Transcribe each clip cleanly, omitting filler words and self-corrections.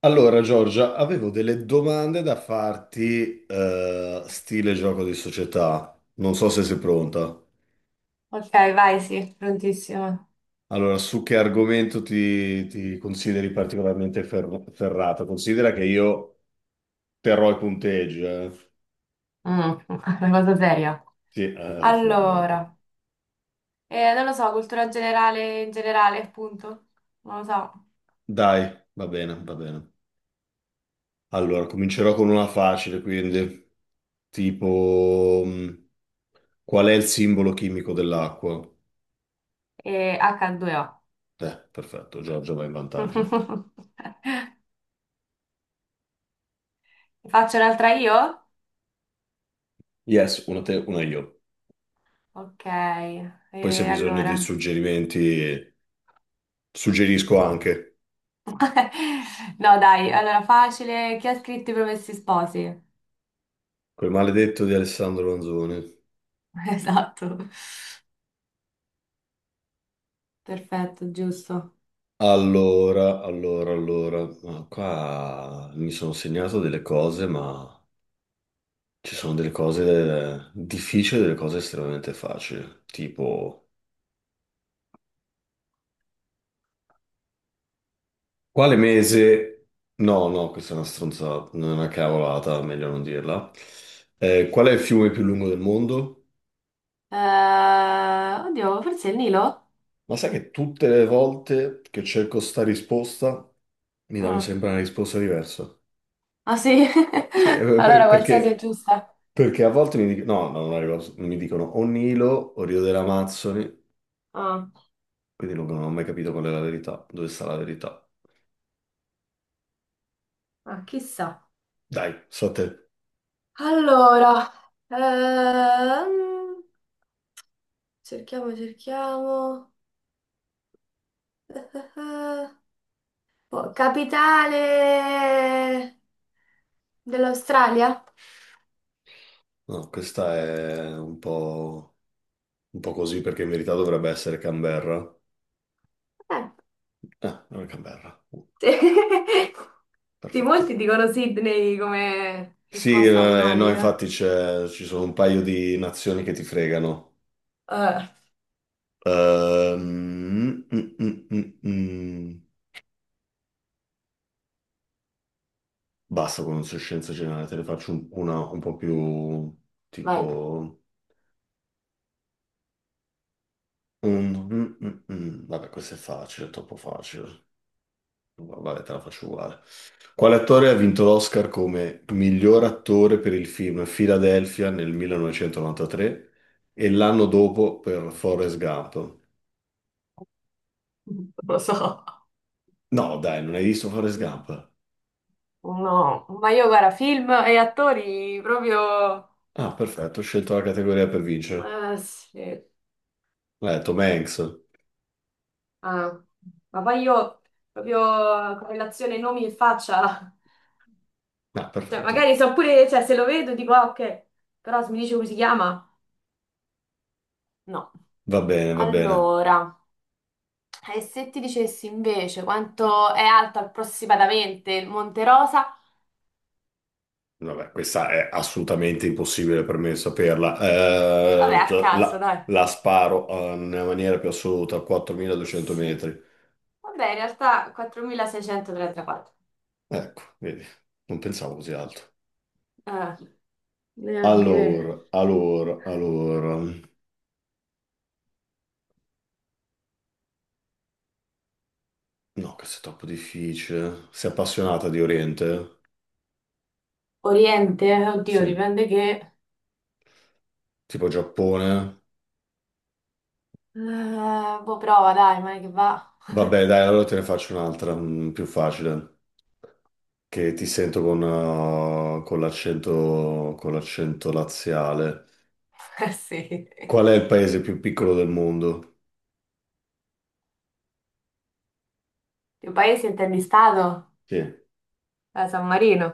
Allora, Giorgia, avevo delle domande da farti, stile gioco di società. Non so se sei pronta. Ok, vai, sì, prontissimo. Allora, su che argomento ti consideri particolarmente ferrata? Considera che io terrò i punteggi, eh? Mm, una cosa seria. Sì, assolutamente. Allora, non lo so, cultura generale in generale, appunto. Non lo so. Dai, va bene, va bene. Allora, comincerò con una facile, quindi, tipo, qual è il simbolo chimico dell'acqua? E H2O. Perfetto, Giorgia va in vantaggio. Faccio un'altra io? Yes, una te, una io. Ok, Poi se hai e bisogno dei allora. suggerimenti, suggerisco anche No, dai, allora facile. Chi ha scritto i Promessi Sposi? quel maledetto di Alessandro Manzoni. Esatto. Perfetto, giusto. Allora, allora, allora, ma qua mi sono segnato delle cose, ma ci sono delle cose difficili e delle cose estremamente facili. Tipo, quale mese? No, no, questa è una stronzata, non è una cavolata, meglio non dirla. Qual è il fiume più lungo del mondo? Eh, oddio, forse è il Nilo? Ma sai che tutte le volte che cerco sta risposta mi danno Mm. sempre una risposta diversa. Ah sì? Sì, Allora qualsiasi è giusta. perché a volte mi dicono, no, no, non arrivo, mi dicono o Nilo o Rio delle Amazzoni, Ah, quindi non ho mai capito qual è la verità, dove sta la verità. ah, chissà. Dai, so te. Allora, ehm, cerchiamo, cerchiamo. Eh, eh, eh. Oh, capitale dell'Australia? No, questa è un po' così perché in verità dovrebbe essere Canberra. Eh, Ah, non è Canberra. Sì. Sì, molti Perfetto. dicono Sydney come Sì, risposta no, automatica. infatti ci sono un paio di nazioni che ti fregano. Eh, Ehm, mm, mm, mm, mm. mm. Basta con scienza generale, te ne faccio una un po' più Vai. tipo. Vabbè, questa è facile, è troppo facile. Vabbè, te la faccio uguale. Quale attore ha vinto l'Oscar come miglior attore per il film Philadelphia nel 1993 e l'anno dopo per Forrest Gump? Non lo so. No, dai, non hai visto Forrest Gump? No, ma io guarda, film e attori proprio. Ah, perfetto, ho scelto la categoria per vincere. Sì. L'ha detto Tom Hanks. Ah, ma poi io proprio correlazione nomi e faccia, Ah, cioè perfetto. magari so pure, cioè se lo vedo dico ah, ok, però se mi dice come si chiama, no. Va bene, va bene. Allora, e se ti dicessi invece quanto è alto approssimatamente il Monte Rosa? Vabbè, questa è assolutamente impossibile per me saperla. Vabbè, a Cioè, la, caso, dai. la sparo nella maniera più assoluta a 4.200 Sì. metri. Vabbè, in realtà 4.634. Ecco, vedi, non pensavo così alto. Eh, neanche. Allora, allora, allora. No, questo è troppo difficile. Sei appassionata di Oriente? Oriente, oddio, Sì. dipende che... Tipo Giappone? Boh, prova, dai, ma che va. Vabbè, dai, allora te ne faccio un'altra, più facile. Che ti sento con l'accento laziale. Eh sì. Qual è il paese più piccolo del mondo? Che paese intendi stato? Sì, San Marino,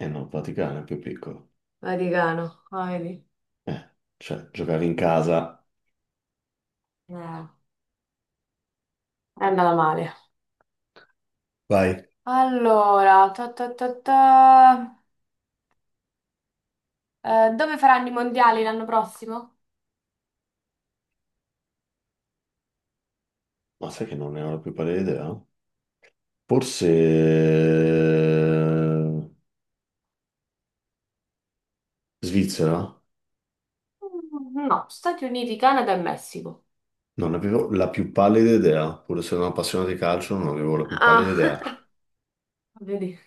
no, il Vaticano è il più piccolo. Vaticano, ah, vedi. Eh, cioè, giocare in casa. È andata male. Vai. Allora, ta ta ta ta. Dove faranno i mondiali l'anno prossimo? Ma sai che non ne ho la più pallida idea? Forse Svizzera? Mm, no, Stati Uniti, Canada e Messico. Non avevo la più pallida idea, pur essendo un appassionato di calcio, non avevo la più pallida Ah, idea. vedi.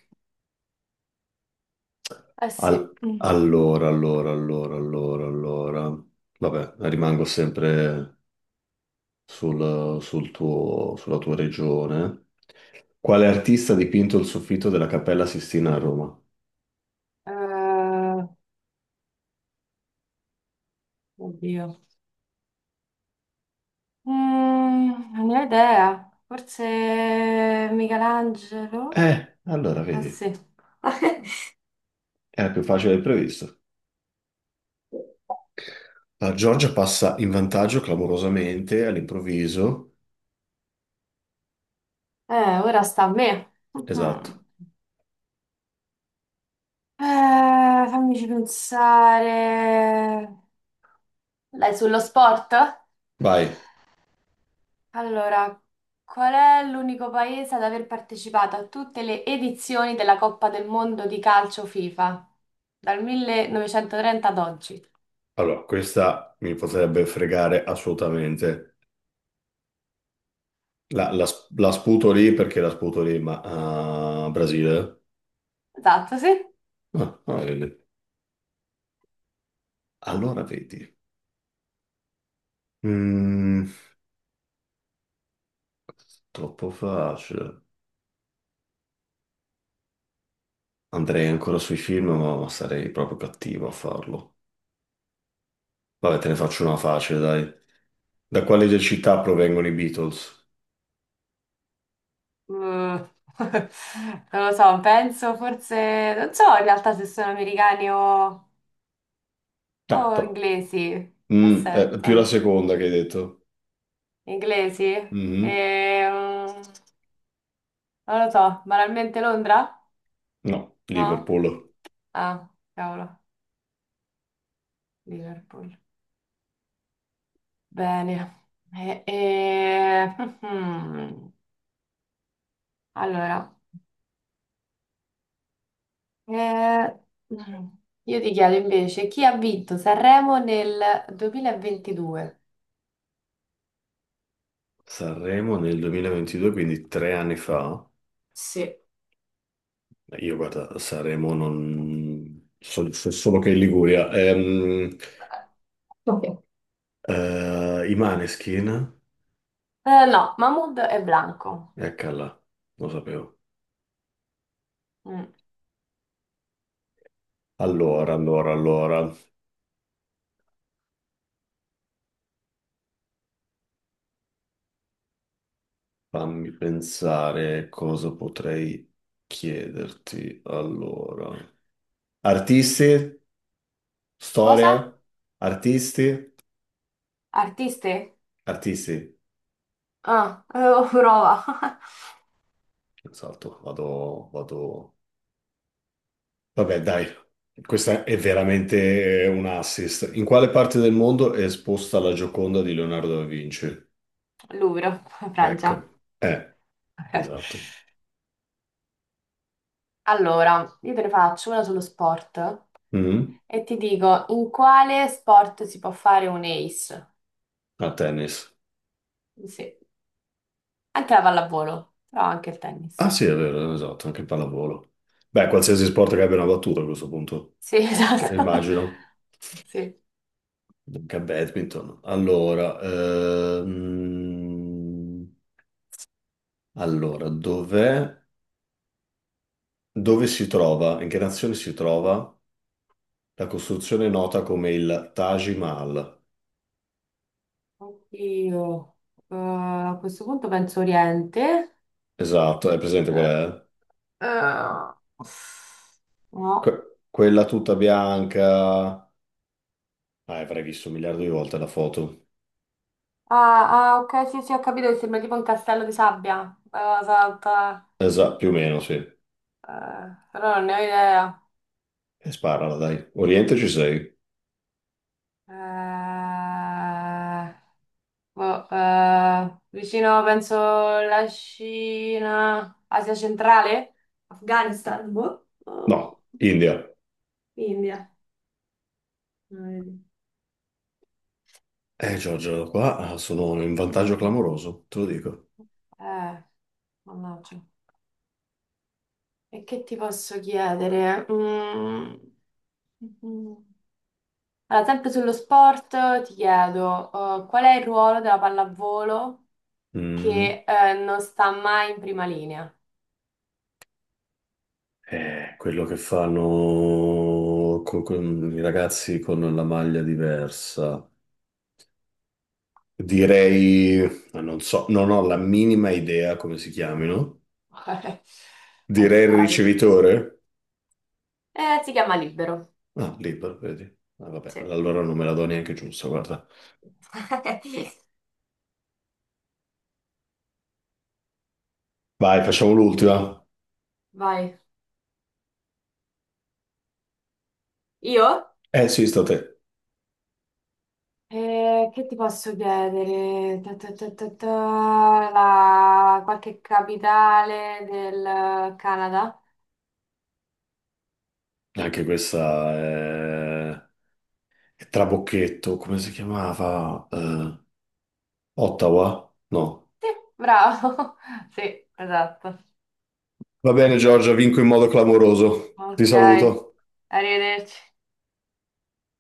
Eh sì. Mm. Allora, allora, allora, allora, allora. Vabbè, rimango sempre sulla tua regione. Quale artista ha dipinto il soffitto della Cappella Sistina a Roma? Eh, oddio. Mm, non ne ho idea. Forse Michelangelo? Allora Eh vedi, sì. era più facile del previsto. La Giorgia passa in vantaggio clamorosamente all'improvviso. Ora sta a me. Esatto. Mhm. Fammici pensare. Lei sullo sport? Vai. Allora, qual è l'unico paese ad aver partecipato a tutte le edizioni della Coppa del Mondo di calcio FIFA? Dal 1930 ad oggi. Allora, questa mi potrebbe fregare assolutamente. La sputo lì perché la sputo lì, ma a Brasile? Esatto, sì. Ah, ah, vedi. Allora vedi. Mm, Troppo facile. Andrei ancora sui film, ma sarei proprio cattivo a farlo. Vabbè, te ne faccio una facile, dai. Da quale città provengono i Beatles? Mm. Non lo so, penso forse... Non so in realtà se sono americani o, Eh, però- inglesi. Più la Aspetta. seconda che hai detto. Inglesi? Mhm. Ehm, non lo so, banalmente Londra? No, No? Liverpool. Ah, cavolo, Liverpool. Bene. E- e- Allora, eh, io ti chiedo invece chi ha vinto Sanremo nel 2022? Sanremo nel 2022, quindi 3 anni fa. Sì. Io guarda, Sanremo non so, so solo che in Liguria. Ok. I Maneskin? No, Mahmood e Blanco. Eccola, lo sapevo. Mm. Allora, allora, allora. Fammi pensare cosa potrei chiederti. Allora, artisti, Cosa? storia, artisti, Artiste? artisti. Ah, prova. Esatto, vado, vado. Vabbè, dai, questa è veramente un assist. In quale parte del mondo è esposta la Gioconda di Leonardo da Vinci? Louvre, Francia. Ecco, eh, esatto. Allora, io te ne faccio una sullo sport Mhm. e ti dico in quale sport si può fare un ace? A tennis. Sì, anche la pallavolo, però anche il Ah, tennis. sì, è vero, esatto, anche pallavolo. Beh, qualsiasi sport che abbia una battuta a questo punto, Sì, esatto. immagino. Sì. Dunque, badminton. Allora, allora, dove si trova, in che nazione si trova la costruzione nota come il Taj Mahal? Oddio. A questo punto penso Oriente. Esatto, è presente qual Eh, è? eh, No. Quella tutta bianca. Ah, avrai visto un miliardo di volte la foto. Ah, ah, ok, sì, sì, ho capito che sembra tipo un castello di sabbia. Salta. Esatto, più o meno, sì. E Però non ne ho idea. sparala, dai. Oriente ci sei? Eh, Boh, vicino, penso, la Cina, Asia centrale? Afghanistan, boh, o No, India. India. Non vedi. Giorgio, qua sono in vantaggio Mm. clamoroso, te lo dico. Eh, mannaggia. E che ti posso chiedere? Mm. Mhm. Allora, sempre sullo sport, ti chiedo, qual è il ruolo della pallavolo Mm. che, non sta mai in prima linea? Quello che fanno con i ragazzi con la maglia diversa. Sì. Direi, ah, non so, non ho la minima idea come si chiamino. Vai, Direi il spara pure. ricevitore. Si chiama libero. Ah, libero, vedi. Ah, vabbè, Sì. allora non me la do neanche giusta, guarda. Vai, facciamo l'ultima. Vai. Io? Eh sì, sta a te. Che ti posso chiedere? Ta, ta, ta, ta, ta, Qualche capitale del Canada? Anche questa è Trabocchetto, come si chiamava? Ottawa? No. Sì, bravo. Sì, esatto. Va bene, Giorgia, vinco in modo clamoroso. Ti Ok, saluto. arrivederci.